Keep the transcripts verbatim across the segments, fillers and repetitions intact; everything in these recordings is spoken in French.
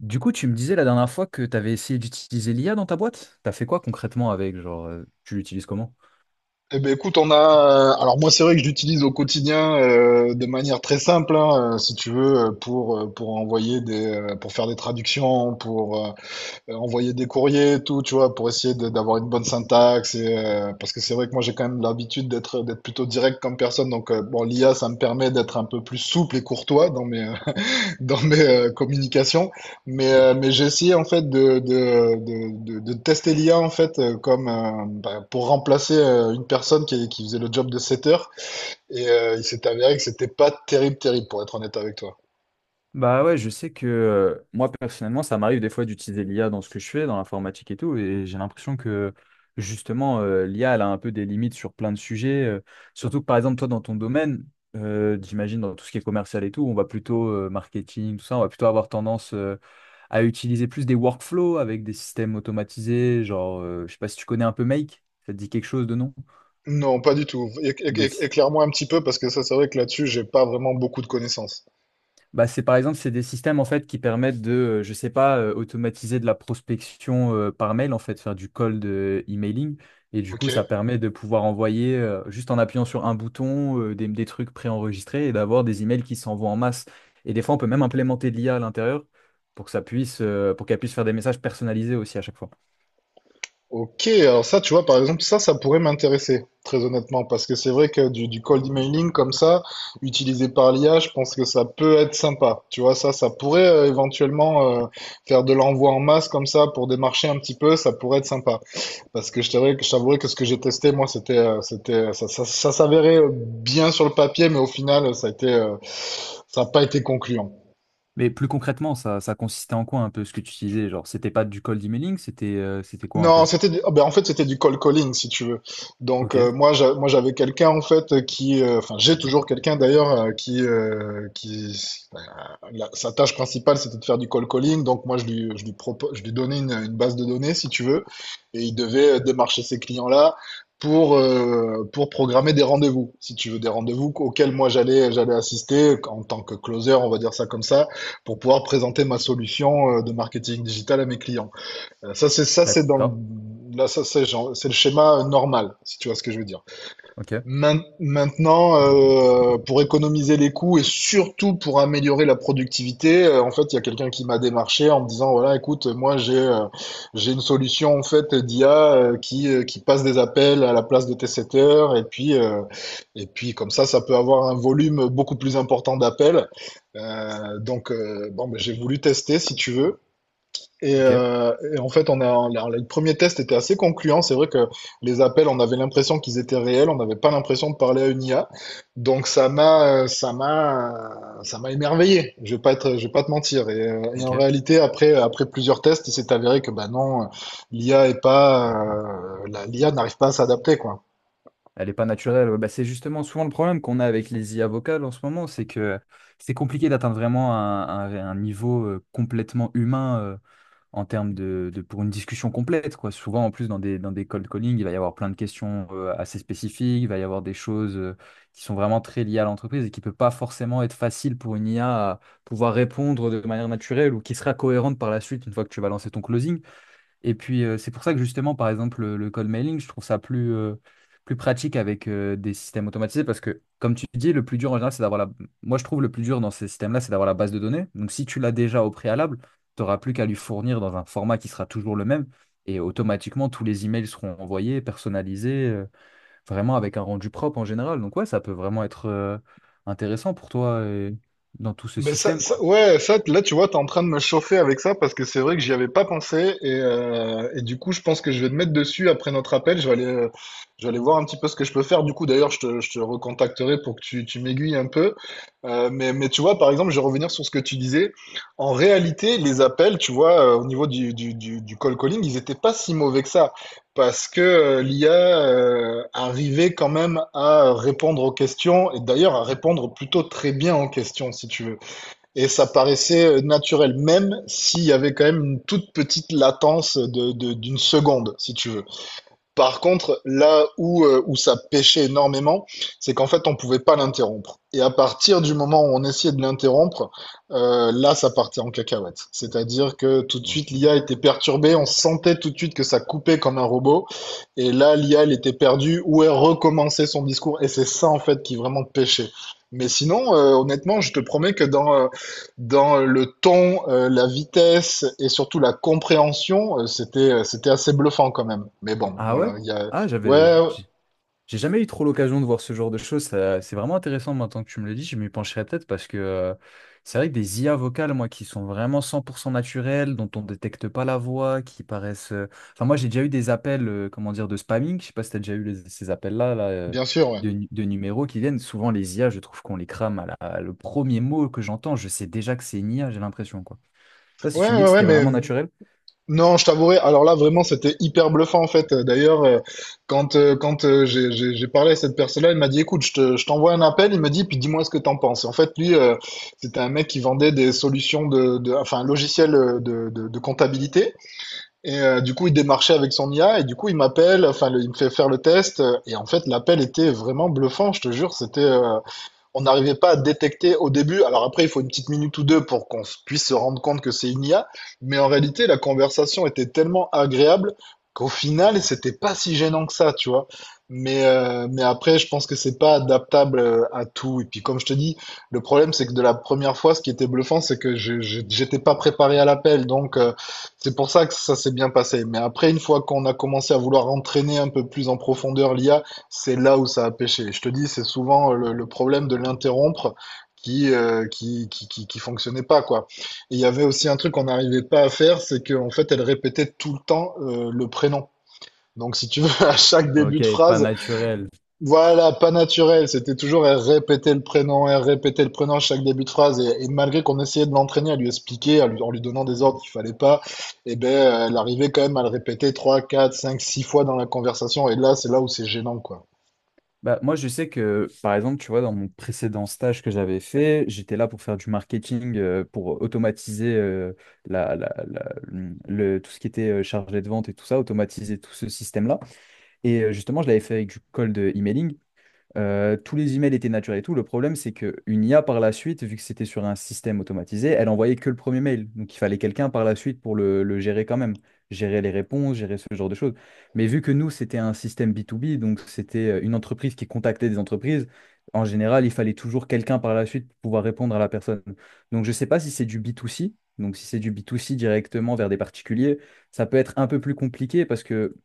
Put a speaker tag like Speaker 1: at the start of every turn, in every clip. Speaker 1: Du coup, tu me disais la dernière fois que tu avais essayé d'utiliser l'I A dans ta boîte. T'as fait quoi concrètement avec? Genre, euh, tu l'utilises comment?
Speaker 2: Eh ben écoute, on a. euh, Alors moi, c'est vrai que je l'utilise au quotidien euh, de manière très simple, hein, euh, si tu veux, euh, pour euh, pour envoyer des, euh, pour faire des traductions, pour euh, euh, envoyer des courriers, et tout, tu vois, pour essayer de- d'avoir une bonne syntaxe. Et, euh, parce que c'est vrai que moi, j'ai quand même l'habitude d'être d'être plutôt direct comme personne. Donc euh, bon, l'I A, ça me permet d'être un peu plus souple et courtois dans mes euh, dans mes euh, communications, mais, euh, mais j'ai essayé en fait de, de, de, de, de tester l'I A en fait euh, comme euh, bah, pour remplacer euh, une personne qui, qui faisait le job de sept heures et euh, il s'est avéré que c'était pas terrible, terrible pour être honnête avec toi.
Speaker 1: Bah ouais, je sais que euh, moi personnellement, ça m'arrive des fois d'utiliser l'I A dans ce que je fais, dans l'informatique et tout, et j'ai l'impression que justement, euh, l'I A, elle a un peu des limites sur plein de sujets. Euh, surtout que par exemple, toi, dans ton domaine, euh, j'imagine dans tout ce qui est commercial et tout, on va plutôt euh, marketing, tout ça, on va plutôt avoir tendance euh, à utiliser plus des workflows avec des systèmes automatisés, genre, euh, je sais pas si tu connais un peu Make, ça te dit quelque chose de non?
Speaker 2: Non, pas du tout. Éc- éc-
Speaker 1: Des
Speaker 2: éc-
Speaker 1: sy-
Speaker 2: Éclaire-moi un petit peu parce que ça c'est vrai que là-dessus j'ai pas vraiment beaucoup de connaissances.
Speaker 1: Bah, c'est par exemple, c'est des systèmes en fait qui permettent de, euh, je sais pas, euh, automatiser de la prospection euh, par mail en fait, faire du cold euh, emailing. Et du
Speaker 2: Ok.
Speaker 1: coup, ça permet de pouvoir envoyer euh, juste en appuyant sur un bouton euh, des, des trucs préenregistrés et d'avoir des emails qui s'envoient en masse. Et des fois, on peut même implémenter de l'I A à l'intérieur pour que ça puisse, euh, pour qu'elle puisse faire des messages personnalisés aussi à chaque fois.
Speaker 2: Ok, alors ça, tu vois, par exemple, ça, ça pourrait m'intéresser, très honnêtement, parce que c'est vrai que du, du cold emailing comme ça, utilisé par l'I A, je pense que ça peut être sympa. Tu vois, ça, ça pourrait euh, éventuellement euh, faire de l'envoi en masse comme ça pour démarcher un petit peu, ça pourrait être sympa. Parce que je t'avouerais que, je t'avouerais que ce que j'ai testé, moi, c'était, euh, c'était, ça, ça, ça s'avérait euh, bien sur le papier, mais au final, ça a été, euh, ça n'a pas été concluant.
Speaker 1: Mais plus concrètement, ça, ça consistait en quoi un peu ce que tu utilisais? Genre, c'était pas du cold emailing, c'était euh, c'était quoi un peu?
Speaker 2: Non, c'était du- ah, ben, en fait c'était du cold calling si tu veux. Donc
Speaker 1: Ok,
Speaker 2: euh, moi j'a- moi j'avais quelqu'un en fait qui euh, enfin j'ai toujours quelqu'un d'ailleurs euh, qui euh, qui euh, la- sa tâche principale c'était de faire du cold calling. Donc moi je lui je lui propo- je lui donnais une, une base de données si tu veux et il devait euh, démarcher ces clients-là pour euh, pour programmer des rendez-vous si tu veux des rendez-vous auxquels moi j'allais j'allais assister en tant que closer, on va dire ça comme ça, pour pouvoir présenter ma solution euh, de marketing digital à mes clients. Euh, Ça, c'est ça, c'est dans le...
Speaker 1: d'accord,
Speaker 2: Là, ça, c'est genre- c'est le schéma euh, normal, si tu vois ce que je veux dire.
Speaker 1: ok,
Speaker 2: Main- Maintenant, euh, pour économiser les coûts et surtout pour améliorer la productivité, euh, en fait, il y a quelqu'un qui m'a démarché en me disant, voilà, écoute, moi, j'ai euh, j'ai une solution en fait d'I A euh, qui euh, qui passe des appels à la place de tes setters et puis euh, et puis comme ça, ça peut avoir un volume beaucoup plus important d'appels. Euh, donc, euh, bon, ben, j'ai voulu tester, si tu veux. Et,
Speaker 1: ok,
Speaker 2: euh, et en fait, on a, on a- le premier test était assez concluant. C'est vrai que les appels, on avait l'impression qu'ils étaient réels, on n'avait pas l'impression de parler à une I A. Donc ça m'a, euh, ça m'a, ça m'a émerveillé. Je vais pas être, je vais pas te mentir. Et, euh, et en
Speaker 1: ok.
Speaker 2: réalité, après, après plusieurs tests, il s'est avéré que bah non, l'I A est pas, euh, la- l'I A n'arrive pas à s'adapter, quoi.
Speaker 1: Elle est pas naturelle. Ouais, bah, c'est justement souvent le problème qu'on a avec les I A vocales en ce moment, c'est que c'est compliqué d'atteindre vraiment un, un- un niveau euh, complètement humain euh, en termes de, de- pour une discussion complète, quoi. Souvent, en plus, dans des, dans des cold calling, il va y avoir plein de questions euh, assez spécifiques, il va y avoir des choses euh, qui sont vraiment très liées à l'entreprise et qui ne peut pas forcément être facile pour une I A à pouvoir répondre de manière naturelle ou qui sera cohérente par la suite une fois que tu vas lancer ton closing. Et puis, euh, c'est pour ça que justement, par exemple, le, le cold mailing, je trouve ça plus, euh, plus pratique avec euh, des systèmes automatisés parce que, comme tu dis, le plus dur en général, c'est d'avoir la... Moi, je trouve le plus dur dans ces systèmes-là, c'est d'avoir la base de données. Donc, si tu l'as déjà au préalable, tu n'auras plus qu'à lui fournir dans un format qui sera toujours le même et automatiquement, tous les emails seront envoyés, personnalisés, euh, vraiment avec un rendu propre en général. Donc, ouais, ça peut vraiment être euh, intéressant pour toi euh, dans tout ce
Speaker 2: Mais ça,
Speaker 1: système,
Speaker 2: ça-
Speaker 1: quoi.
Speaker 2: ouais, ça, là, tu vois, t'es en train de me chauffer avec ça parce que c'est vrai que j'y avais pas pensé et, euh, et du coup, je pense que je vais te mettre dessus après notre appel. Je vais aller, euh, je vais aller voir un petit peu ce que je peux faire. Du coup, d'ailleurs, je te, je te recontacterai pour que tu, tu m'aiguilles un peu. Euh, mais, mais tu vois, par exemple, je vais revenir sur ce que tu disais. En réalité, les appels, tu vois, euh, au niveau du, du, du, du call calling, ils étaient pas si mauvais que ça parce que euh, l'I A euh, arrivait quand même à répondre aux questions et d'ailleurs à répondre plutôt très bien aux questions, si tu veux. Et ça paraissait euh, naturel, même s'il y avait quand même une toute petite latence de, de- d'une seconde, si tu veux. Par contre, là où, euh, où ça pêchait énormément, c'est qu'en fait, on pouvait pas l'interrompre. Et à partir du moment où on essayait de l'interrompre, euh, là, ça partait en cacahuète. C'est-à-dire que tout de suite,
Speaker 1: Ok.
Speaker 2: l'I A était perturbée, on sentait tout de suite que ça coupait comme un robot. Et là, l'I A, elle était perdue, ou elle recommençait son discours. Et c'est ça, en fait, qui vraiment pêchait. Mais sinon, euh, honnêtement, je te promets que dans, euh, dans le ton, heu, la vitesse et surtout la compréhension, heu, c'était, heu, c'était assez bluffant quand même. Mais bon,
Speaker 1: Ah ouais?
Speaker 2: voilà, il y a
Speaker 1: Ah, j'avais...
Speaker 2: ouais, ouais,
Speaker 1: J'ai jamais eu trop l'occasion de voir ce genre de choses. ça- C'est vraiment intéressant maintenant que tu me le dis. Je m'y pencherai peut-être parce que euh, c'est vrai que des I A vocales, moi, qui sont vraiment cent pour cent naturelles, dont on détecte pas la voix, qui paraissent. euh, Enfin, moi, j'ai déjà eu des appels, euh, comment dire, de spamming. Je sais pas si tu as déjà eu les- ces appels-là, là, euh,
Speaker 2: bien sûr, ouais.
Speaker 1: de, nu- de numéros qui viennent. Souvent, les I A, je trouve qu'on les crame à la- le premier mot que j'entends. Je sais déjà que c'est une I A, j'ai l'impression, quoi. Toi, si
Speaker 2: Ouais,
Speaker 1: tu me dis
Speaker 2: ouais,
Speaker 1: que
Speaker 2: ouais,
Speaker 1: c'était
Speaker 2: mais
Speaker 1: vraiment naturel.
Speaker 2: non, je t'avouerai, alors là, vraiment, c'était hyper bluffant, en fait. Heu, d'ailleurs, heu, quand, heu, quand, heu, j'ai j'ai j'ai parlé à cette personne-là, il m'a dit: «Écoute, je te je t'envoie un appel», il me dit: «Puis dis-moi ce que t'en penses». En fait, lui, heu, c'était un mec qui vendait des solutions de de enfin, un logiciel, heu, de de de comptabilité. Et euh, du coup, il démarchait avec son I A et du coup, il m'appelle, enfin, le- il me fait faire le test. euh, Et en fait, l'appel était vraiment bluffant, je te jure. C'était, euh, on n'arrivait pas à détecter au début. Alors après, il faut une petite minute ou deux pour qu'on puisse se rendre compte que c'est une I A. Mais en réalité, la conversation était tellement agréable qu'au final, c'était pas si gênant que ça, tu vois. Mais, euh, mais après, je pense que c'est pas adaptable euh, à tout. Et puis, comme je te dis, le problème, c'est que de la première fois, ce qui était bluffant, c'est que je, je- j'étais pas préparé à l'appel. Donc, euh, c'est pour ça que ça s'est bien passé. Mais après, une fois qu'on a commencé à vouloir entraîner un peu plus en profondeur l'I A, c'est là où ça a pêché. Je te dis, c'est souvent euh, le, le problème de l'interrompre qui, euh, qui, qui, qui, qui fonctionnait pas, quoi. Et il y avait aussi un truc qu'on n'arrivait pas à faire, c'est qu'en fait, elle répétait tout le temps euh, le prénom. Donc, si tu veux, à chaque début
Speaker 1: Ok,
Speaker 2: de
Speaker 1: pas
Speaker 2: phrase,
Speaker 1: naturel.
Speaker 2: voilà, pas naturel, c'était toujours elle répétait le prénom, elle répétait le prénom à chaque début de phrase. Et, et malgré qu'on essayait de l'entraîner à lui expliquer, à lui- en lui donnant des ordres qu'il fallait pas, eh ben, euh, elle arrivait quand même à le répéter trois, quatre, cinq, six fois dans la conversation. Et là, c'est là où c'est gênant, quoi.
Speaker 1: Bah, moi, je sais que, par exemple, tu vois, dans mon précédent stage que j'avais fait, j'étais là pour faire du marketing, euh, pour automatiser euh, la, la- la- hum, le, tout ce qui était euh, chargé de vente et tout ça, automatiser tout ce système-là. Et euh, justement, je l'avais fait avec du cold emailing. Euh, tous les emails étaient naturels et tout. Le problème, c'est qu'une I A, par la suite, vu que c'était sur un système automatisé, elle envoyait que le premier mail. Donc, il fallait quelqu'un par la suite pour le, le gérer quand même, gérer les réponses, gérer ce genre de choses. Mais vu que nous, c'était un système B deux B, donc c'était euh, une entreprise qui contactait des entreprises, en général, il fallait toujours quelqu'un par la suite pour pouvoir répondre à la personne. Donc, je ne sais pas si c'est du B deux C. Donc, si c'est du B deux C directement vers des particuliers, ça peut être un peu plus compliqué parce que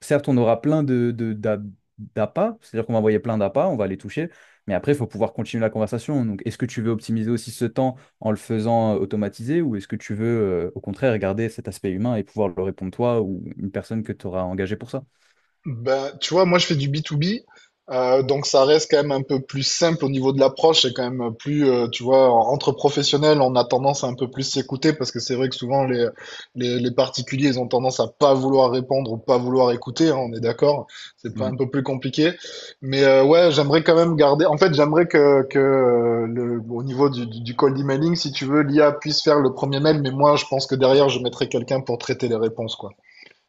Speaker 1: certes, on aura plein de, de- d'a- d'appâts, c'est-à-dire qu'on va envoyer plein d'appâts, on va les toucher, mais après, il faut pouvoir continuer la conversation. Donc, est-ce que tu veux optimiser aussi ce temps en le faisant euh, automatiser ou est-ce que tu veux, euh, au contraire, garder cet aspect humain et pouvoir le répondre toi ou une personne que tu auras engagée pour ça?
Speaker 2: Bah, tu vois, moi je fais du B deux B, euh, donc ça reste quand même un peu plus simple au niveau de l'approche, c'est quand même plus, euh, tu vois, entre professionnels, on a tendance à un peu plus s'écouter parce que c'est vrai que souvent les, les, les particuliers, ils ont tendance à pas vouloir répondre ou pas vouloir écouter, hein, on est d'accord, c'est pas un
Speaker 1: Mhm.
Speaker 2: peu plus compliqué. Mais euh, ouais, j'aimerais quand même garder, en fait, j'aimerais que, que euh, le, au niveau du, du du cold emailing, si tu veux, l'I A puisse faire le premier mail, mais moi je pense que derrière, je mettrai quelqu'un pour traiter les réponses, quoi.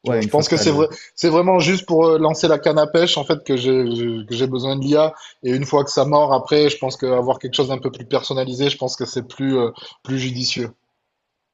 Speaker 2: Tu vois,
Speaker 1: Ouais,
Speaker 2: je
Speaker 1: une fois
Speaker 2: pense
Speaker 1: que
Speaker 2: que
Speaker 1: tu as
Speaker 2: c'est vrai,
Speaker 1: le...
Speaker 2: c'est vraiment juste pour euh, lancer la canne à pêche, en fait, que j'ai, je- que j'ai besoin de l'I A. Et une fois que ça mord, après, je pense qu'avoir quelque chose d'un peu plus personnalisé, je pense que c'est plus, euh, plus judicieux.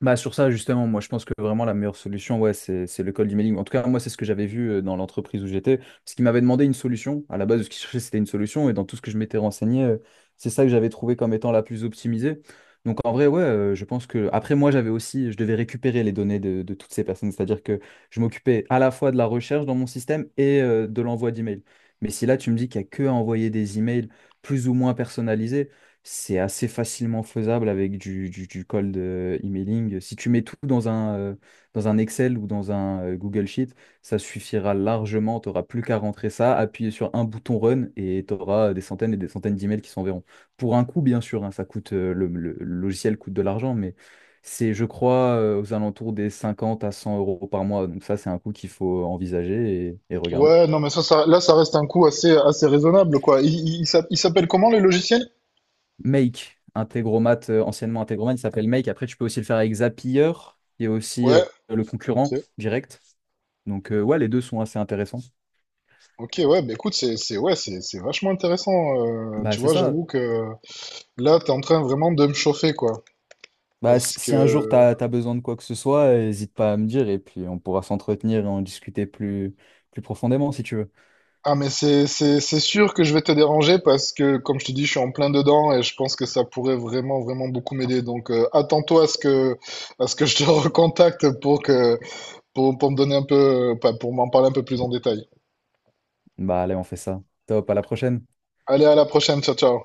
Speaker 1: Bah sur ça justement, moi je pense que vraiment la meilleure solution, ouais, c'est c'est le cold emailing. En tout cas, moi c'est ce que j'avais vu euh, dans l'entreprise où j'étais, parce qu'ils m'avaient demandé une solution. À la base, ce qu'ils cherchaient, c'était une solution, et dans tout ce que je m'étais renseigné, euh, c'est ça que j'avais trouvé comme étant la plus optimisée. Donc en vrai, ouais, euh, je pense que après moi j'avais aussi, je devais récupérer les données de, de toutes ces personnes, c'est-à-dire que je m'occupais à la fois de la recherche dans mon système et euh, de l'envoi d'emails. Mais si là tu me dis qu'il n'y a que à envoyer des emails plus ou moins personnalisés. C'est assez facilement faisable avec du, du, du cold euh, emailing. Si tu mets tout dans un, euh, dans un Excel ou dans un euh, Google Sheet, ça suffira largement. Tu n'auras plus qu'à rentrer ça, appuyer sur un bouton run et tu auras des centaines et des centaines d'emails qui s'enverront. Pour un coût, bien sûr, hein, ça coûte, euh, le, le- le logiciel coûte de l'argent, mais c'est, je crois, euh, aux alentours des cinquante à cent euros par mois. Donc ça, c'est un coût qu'il faut envisager et et regarder.
Speaker 2: Ouais, non, mais ça, ça- là, ça reste un coût assez, assez raisonnable, quoi. Il, il- il s'app- il s'appelle comment, le logiciel?
Speaker 1: Make, Integromat, euh, anciennement Integromat, il s'appelle Make. Après, tu peux aussi le faire avec Zapier, qui est aussi
Speaker 2: Ouais,
Speaker 1: euh, le concurrent
Speaker 2: ok.
Speaker 1: direct. Donc, euh, ouais, les deux sont assez intéressants.
Speaker 2: Ok, ouais, bah écoute, c'est, c'est, ouais, c'est, c'est vachement intéressant. Euh,
Speaker 1: Bah,
Speaker 2: tu
Speaker 1: c'est
Speaker 2: vois,
Speaker 1: ça.
Speaker 2: j'avoue que là, t'es en train vraiment de me chauffer, quoi.
Speaker 1: Bah, si
Speaker 2: Parce
Speaker 1: si un jour tu
Speaker 2: que,
Speaker 1: as, besoin de quoi que ce soit, euh, hésite pas à me dire et puis on pourra s'entretenir et en discuter plus, plus profondément si tu veux.
Speaker 2: ah mais c'est c'est c'est sûr que je vais te déranger parce que comme je te dis je suis en plein dedans et je pense que ça pourrait vraiment vraiment beaucoup m'aider donc euh, attends-toi à ce que à ce que je te recontacte pour que pour pour me donner un peu euh, enfin, pour m'en parler un peu plus en détail.
Speaker 1: Bah, allez, on fait ça. Top, à la prochaine.
Speaker 2: Allez à la prochaine, ciao ciao.